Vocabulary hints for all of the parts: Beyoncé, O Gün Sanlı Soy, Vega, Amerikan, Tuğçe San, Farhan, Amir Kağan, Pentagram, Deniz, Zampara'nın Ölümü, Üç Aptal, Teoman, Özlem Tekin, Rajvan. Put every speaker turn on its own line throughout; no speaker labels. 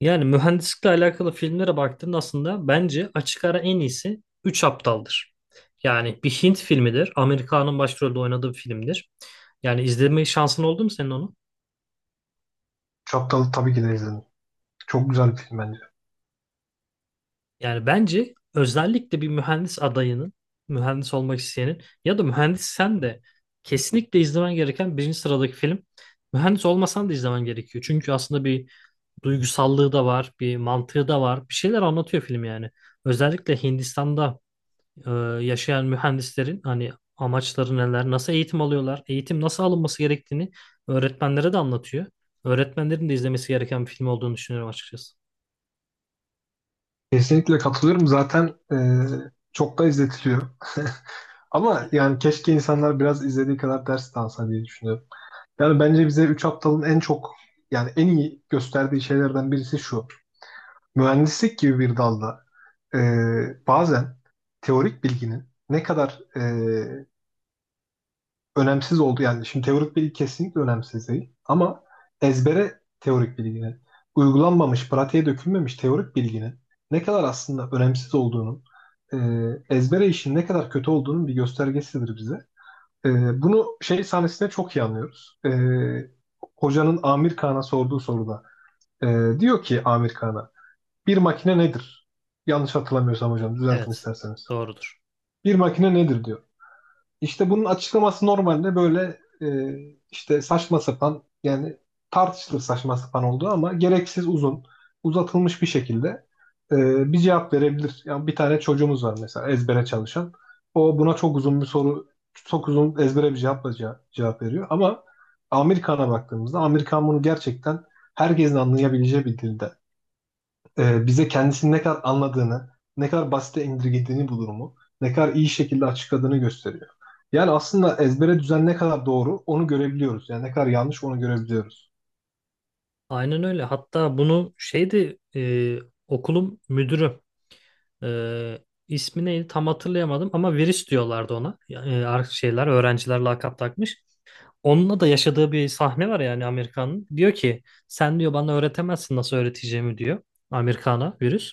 Yani mühendislikle alakalı filmlere baktığında aslında bence açık ara en iyisi Üç Aptal'dır. Yani bir Hint filmidir. Amerika'nın başrolde oynadığı bir filmdir. Yani izleme şansın oldu mu senin onu?
Çaptalı tabii ki de izledim. Çok güzel bir film bence.
Yani bence özellikle bir mühendis adayının, mühendis olmak isteyenin ya da mühendis sen de kesinlikle izlemen gereken birinci sıradaki film. Mühendis olmasan da izlemen gerekiyor. Çünkü aslında bir duygusallığı da var, bir mantığı da var. Bir şeyler anlatıyor film yani. Özellikle Hindistan'da e, yaşayan mühendislerin hani amaçları neler, nasıl eğitim alıyorlar, eğitim nasıl alınması gerektiğini öğretmenlere de anlatıyor. Öğretmenlerin de izlemesi gereken bir film olduğunu düşünüyorum açıkçası.
Kesinlikle katılıyorum. Zaten çok da izletiliyor. Ama yani keşke insanlar biraz izlediği kadar ders de alsa diye düşünüyorum. Yani bence bize Üç Aptal'ın en çok yani en iyi gösterdiği şeylerden birisi şu. Mühendislik gibi bir dalda e, bazen teorik bilginin ne kadar önemsiz oldu yani. Şimdi teorik bilgi kesinlikle önemsiz değil. Ama ezbere teorik bilginin, uygulanmamış, pratiğe dökülmemiş teorik bilginin ne kadar aslında önemsiz olduğunun, e, ezbere işin ne kadar kötü olduğunun bir göstergesidir bize. Bunu şey sahnesinde çok iyi anlıyoruz. Hocanın Amir Kağan'a sorduğu soruda e, diyor ki Amir Kağan'a bir makine nedir? Yanlış hatırlamıyorsam hocam düzeltin
Evet,
isterseniz.
doğrudur.
Bir makine nedir diyor. İşte bunun açıklaması normalde böyle işte saçma sapan yani tartışılır saçma sapan olduğu ama gereksiz uzun uzatılmış bir şekilde bir cevap verebilir. Yani bir tane çocuğumuz var mesela ezbere çalışan. O buna çok uzun bir soru çok uzun ezbere bir cevapla cevap veriyor. Ama Amerikan'a baktığımızda Amerikan bunu gerçekten herkesin anlayabileceği bir dilde bize kendisini ne kadar anladığını, ne kadar basite indirgediğini bu durumu, ne kadar iyi şekilde açıkladığını gösteriyor. Yani aslında ezbere düzen ne kadar doğru onu görebiliyoruz. Yani ne kadar yanlış onu görebiliyoruz.
Aynen öyle. Hatta bunu şeydi okulun müdürü, e, ismi neydi tam hatırlayamadım ama virüs diyorlardı ona. Yani, şeyler öğrenciler lakap takmış. Onunla da yaşadığı bir sahne var yani Amerikan'ın. Diyor ki sen diyor bana öğretemezsin nasıl öğreteceğimi diyor Amerikan'a virüs.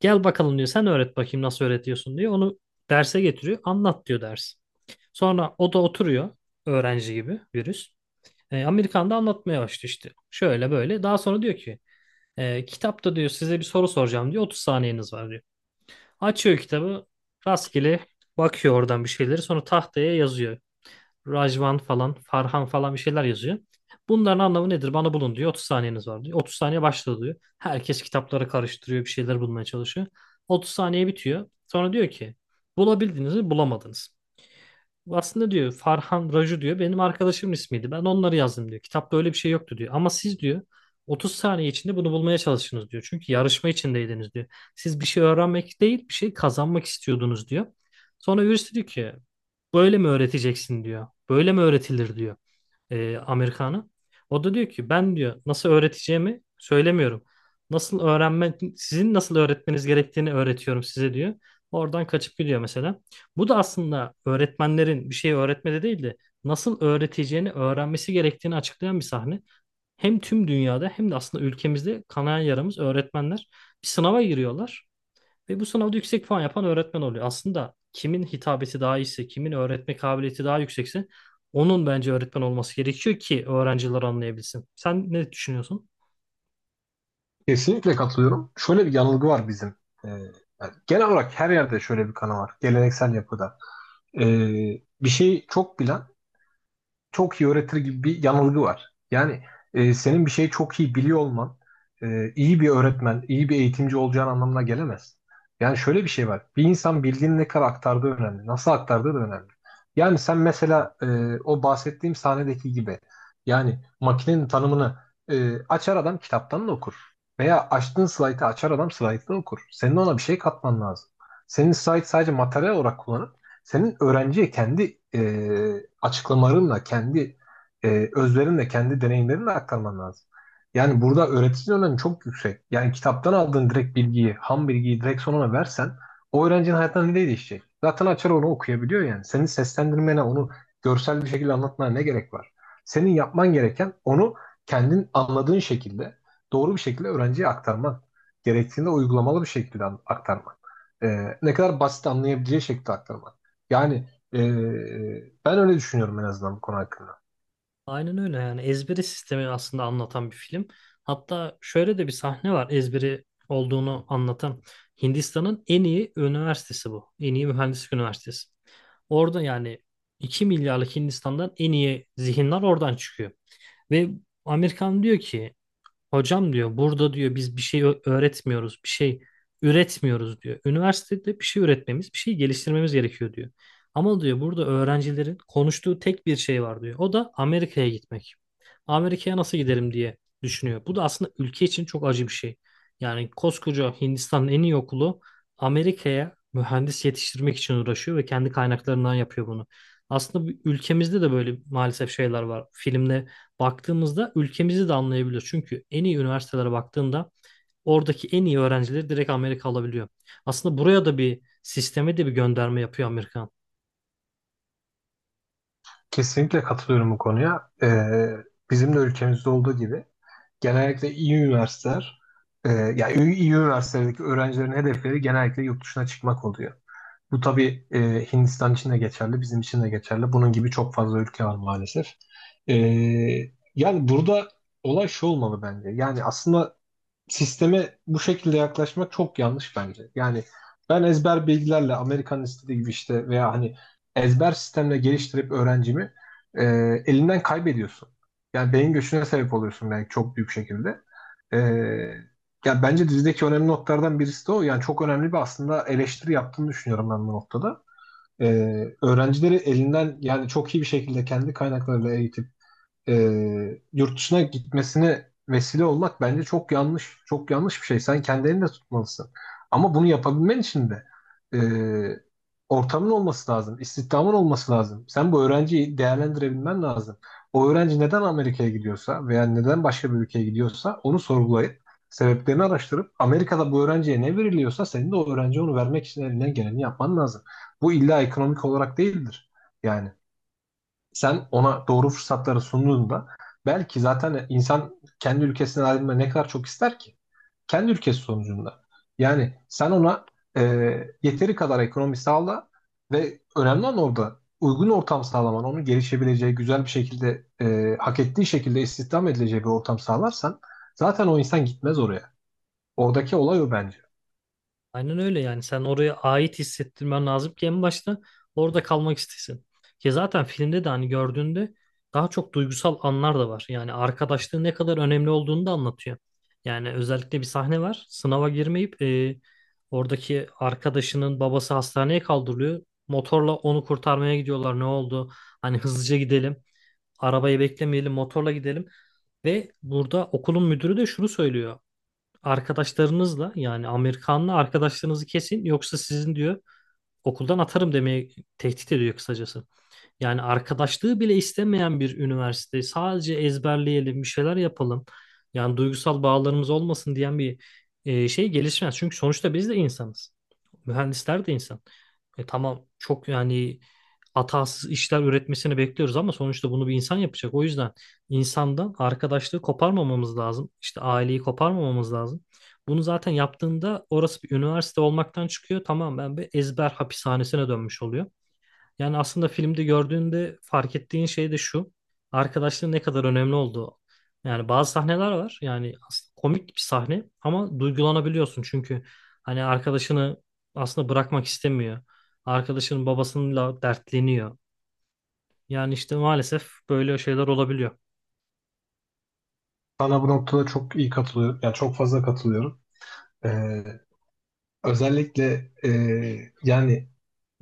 Gel bakalım diyor. Sen öğret bakayım nasıl öğretiyorsun diyor. Onu derse getiriyor. Anlat diyor ders. Sonra o da oturuyor. Öğrenci gibi virüs. Amerikan da anlatmaya başlıyor işte. Şöyle böyle. Daha sonra diyor ki kitapta diyor size bir soru soracağım diyor. 30 saniyeniz var diyor. Açıyor kitabı. Rastgele bakıyor oradan bir şeyleri. Sonra tahtaya yazıyor. Rajvan falan, Farhan falan bir şeyler yazıyor. Bunların anlamı nedir? Bana bulun diyor. 30 saniyeniz var diyor. 30 saniye başladı diyor. Herkes kitapları karıştırıyor, bir şeyler bulmaya çalışıyor. 30 saniye bitiyor. Sonra diyor ki bulabildiniz mi bulamadınız aslında diyor Farhan Raju diyor benim arkadaşımın ismiydi. Ben onları yazdım diyor. Kitapta öyle bir şey yoktu diyor. Ama siz diyor 30 saniye içinde bunu bulmaya çalıştınız diyor. Çünkü yarışma içindeydiniz diyor. Siz bir şey öğrenmek değil bir şey kazanmak istiyordunuz diyor. Sonra birisi diyor ki böyle mi öğreteceksin diyor. Böyle mi öğretilir diyor Amerikanı. O da diyor ki ben diyor nasıl öğreteceğimi söylemiyorum. Nasıl öğrenme, sizin nasıl öğretmeniz gerektiğini öğretiyorum size diyor. Oradan kaçıp gidiyor mesela. Bu da aslında öğretmenlerin bir şeyi öğretmede değil de nasıl öğreteceğini öğrenmesi gerektiğini açıklayan bir sahne. Hem tüm dünyada hem de aslında ülkemizde kanayan yaramız öğretmenler bir sınava giriyorlar. Ve bu sınavda yüksek puan yapan öğretmen oluyor. Aslında kimin hitabeti daha iyiyse, kimin öğretme kabiliyeti daha yüksekse onun bence öğretmen olması gerekiyor ki öğrenciler anlayabilsin. Sen ne düşünüyorsun?
Kesinlikle katılıyorum. Şöyle bir yanılgı var bizim. E, Yani genel olarak her yerde şöyle bir kanı var. Geleneksel yapıda. E, Bir şeyi çok bilen çok iyi öğretir gibi bir yanılgı var. Yani senin bir şeyi çok iyi biliyor olman iyi bir öğretmen, iyi bir eğitimci olacağın anlamına gelemez. Yani şöyle bir şey var. Bir insan bildiğini ne kadar aktardığı önemli. Nasıl aktardığı da önemli. Yani sen mesela o bahsettiğim sahnedeki gibi yani makinenin tanımını açar adam kitaptan da okur. Veya açtığın slaytı açar adam slaytı da okur. Senin ona bir şey katman lazım. Senin slayt sadece materyal olarak kullanır. Senin öğrenciye kendi açıklamalarınla, kendi özverinle, kendi deneyimlerinle aktarman lazım. Yani burada öğreticinin önemi çok yüksek. Yani kitaptan aldığın direkt bilgiyi, ham bilgiyi direkt sonuna versen o öğrencinin hayatında ne değişecek? Zaten açar onu okuyabiliyor yani. Senin seslendirmene, onu görsel bir şekilde anlatmana ne gerek var? Senin yapman gereken onu kendin anladığın şekilde, doğru bir şekilde öğrenciye aktarman. Gerektiğinde uygulamalı bir şekilde aktarman. Ne kadar basit anlayabileceği şekilde aktarman. Yani e, ben öyle düşünüyorum en azından bu konu hakkında.
Aynen öyle, yani ezberi sistemi aslında anlatan bir film. Hatta şöyle de bir sahne var ezberi olduğunu anlatan. Hindistan'ın en iyi üniversitesi bu. En iyi mühendislik üniversitesi. Orada yani 2 milyarlık Hindistan'dan en iyi zihinler oradan çıkıyor. Ve Amerikan diyor ki hocam diyor burada diyor biz bir şey öğretmiyoruz, bir şey üretmiyoruz diyor. Üniversitede bir şey üretmemiz, bir şey geliştirmemiz gerekiyor diyor. Ama diyor burada öğrencilerin konuştuğu tek bir şey var diyor. O da Amerika'ya gitmek. Amerika'ya nasıl giderim diye düşünüyor. Bu da aslında ülke için çok acı bir şey. Yani koskoca Hindistan'ın en iyi okulu Amerika'ya mühendis yetiştirmek için uğraşıyor ve kendi kaynaklarından yapıyor bunu. Aslında ülkemizde de böyle maalesef şeyler var. Filmde baktığımızda ülkemizi de anlayabiliyoruz. Çünkü en iyi üniversitelere baktığında oradaki en iyi öğrencileri direkt Amerika alabiliyor. Aslında buraya da bir sisteme de bir gönderme yapıyor Amerika.
Kesinlikle katılıyorum bu konuya. Bizim de ülkemizde olduğu gibi genellikle iyi üniversiteler, yani iyi üniversitelerdeki öğrencilerin hedefleri genellikle yurt dışına çıkmak oluyor. Bu tabii Hindistan için de geçerli, bizim için de geçerli. Bunun gibi çok fazla ülke var maalesef. E, Yani burada olay şu olmalı bence. Yani aslında sisteme bu şekilde yaklaşmak çok yanlış bence. Yani ben ezber bilgilerle Amerikan istediği gibi işte veya hani ezber sistemle geliştirip öğrencimi e, elinden kaybediyorsun. Yani beyin göçüne sebep oluyorsun belki çok büyük şekilde. E, Ya bence dizideki önemli noktalardan birisi de o. Yani çok önemli bir aslında eleştiri yaptığını düşünüyorum ben bu noktada. E, Öğrencileri elinden yani çok iyi bir şekilde kendi kaynaklarıyla eğitip yurt dışına gitmesine vesile olmak bence çok yanlış. Çok yanlış bir şey. Sen kendi elinde tutmalısın. Ama bunu yapabilmen için de e, ortamın olması lazım. İstihdamın olması lazım. Sen bu öğrenciyi değerlendirebilmen lazım. O öğrenci neden Amerika'ya gidiyorsa veya neden başka bir ülkeye gidiyorsa onu sorgulayıp sebeplerini araştırıp Amerika'da bu öğrenciye ne veriliyorsa senin de o öğrenciye onu vermek için elinden geleni yapman lazım. Bu illa ekonomik olarak değildir. Yani sen ona doğru fırsatları sunduğunda belki zaten insan kendi ülkesinden ayrılmayı ne kadar çok ister ki? Kendi ülkesi sonucunda. Yani sen ona e, yeteri kadar ekonomi sağla ve önemli olan orada uygun ortam sağlaman, onun gelişebileceği, güzel bir şekilde, hak ettiği şekilde istihdam edileceği bir ortam sağlarsan zaten o insan gitmez oraya. Oradaki olay o bence.
Aynen öyle, yani sen oraya ait hissettirmen lazım ki en başta orada kalmak istesin. Ki zaten filmde de hani gördüğünde daha çok duygusal anlar da var. Yani arkadaşlığın ne kadar önemli olduğunu da anlatıyor. Yani özellikle bir sahne var. Sınava girmeyip oradaki arkadaşının babası hastaneye kaldırılıyor. Motorla onu kurtarmaya gidiyorlar. Ne oldu? Hani hızlıca gidelim. Arabayı beklemeyelim, motorla gidelim. Ve burada okulun müdürü de şunu söylüyor: arkadaşlarınızla, yani Amerikanlı arkadaşlarınızı kesin yoksa sizin diyor okuldan atarım demeye, tehdit ediyor kısacası. Yani arkadaşlığı bile istemeyen bir üniversite. Sadece ezberleyelim, bir şeyler yapalım. Yani duygusal bağlarımız olmasın diyen bir şey gelişmez. Çünkü sonuçta biz de insanız. Mühendisler de insan. E, tamam, çok yani hatasız işler üretmesini bekliyoruz ama sonuçta bunu bir insan yapacak. O yüzden insandan arkadaşlığı koparmamamız lazım. İşte aileyi koparmamamız lazım. Bunu zaten yaptığında orası bir üniversite olmaktan çıkıyor. Tamam, ben bir ezber hapishanesine dönmüş oluyor. Yani aslında filmde gördüğünde fark ettiğin şey de şu. Arkadaşlığın ne kadar önemli olduğu. Yani bazı sahneler var. Yani aslında komik bir sahne ama duygulanabiliyorsun. Çünkü hani arkadaşını aslında bırakmak istemiyor. Arkadaşının babasıyla dertleniyor. Yani işte maalesef böyle şeyler olabiliyor.
Sana bu noktada çok iyi katılıyorum. Yani çok fazla katılıyorum. E, Özellikle yani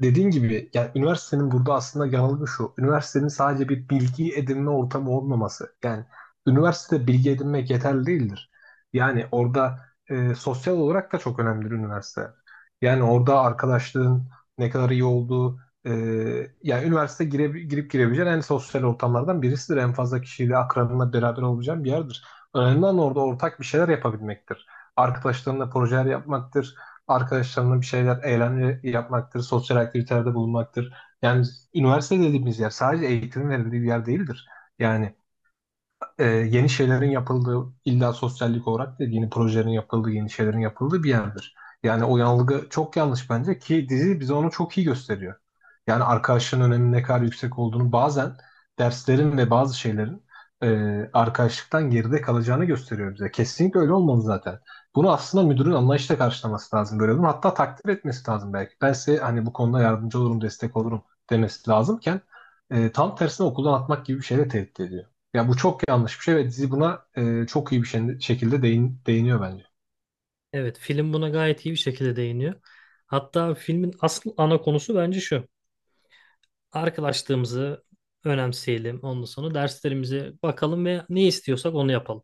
dediğin gibi yani üniversitenin burada aslında yanılgı şu. Üniversitenin sadece bir bilgi edinme ortamı olmaması. Yani üniversitede bilgi edinmek yeterli değildir. Yani orada sosyal olarak da çok önemlidir üniversite. Yani orada arkadaşlığın ne kadar iyi olduğu e, yani üniversite girip girebileceğin en sosyal ortamlardan birisidir. En fazla kişiyle akranınla beraber olacağın bir yerdir. Önemli olan orada ortak bir şeyler yapabilmektir. Arkadaşlarınla projeler yapmaktır arkadaşlarına bir şeyler, eğlence yapmaktır, sosyal aktivitelerde bulunmaktır. Yani üniversite dediğimiz yer sadece eğitim verildiği bir yer değildir. Yani yeni şeylerin yapıldığı, illa sosyallik olarak değil, yeni projelerin yapıldığı, yeni şeylerin yapıldığı bir yerdir. Yani o yanılgı çok yanlış bence ki dizi bize onu çok iyi gösteriyor. Yani arkadaşlığın öneminin ne kadar yüksek olduğunu bazen derslerin ve bazı şeylerin arkadaşlıktan geride kalacağını gösteriyor bize. Kesinlikle öyle olmalı zaten. Bunu aslında müdürün anlayışla karşılaması lazım böyle durum. Hatta takdir etmesi lazım belki. Ben size hani bu konuda yardımcı olurum, destek olurum demesi lazımken tam tersine okuldan atmak gibi bir şeyle tehdit ediyor. Ya bu çok yanlış bir şey ve dizi buna çok iyi bir şekilde değiniyor bence.
Evet, film buna gayet iyi bir şekilde değiniyor. Hatta filmin asıl ana konusu bence şu. Arkadaşlığımızı önemseyelim. Ondan sonra derslerimize bakalım ve ne istiyorsak onu yapalım.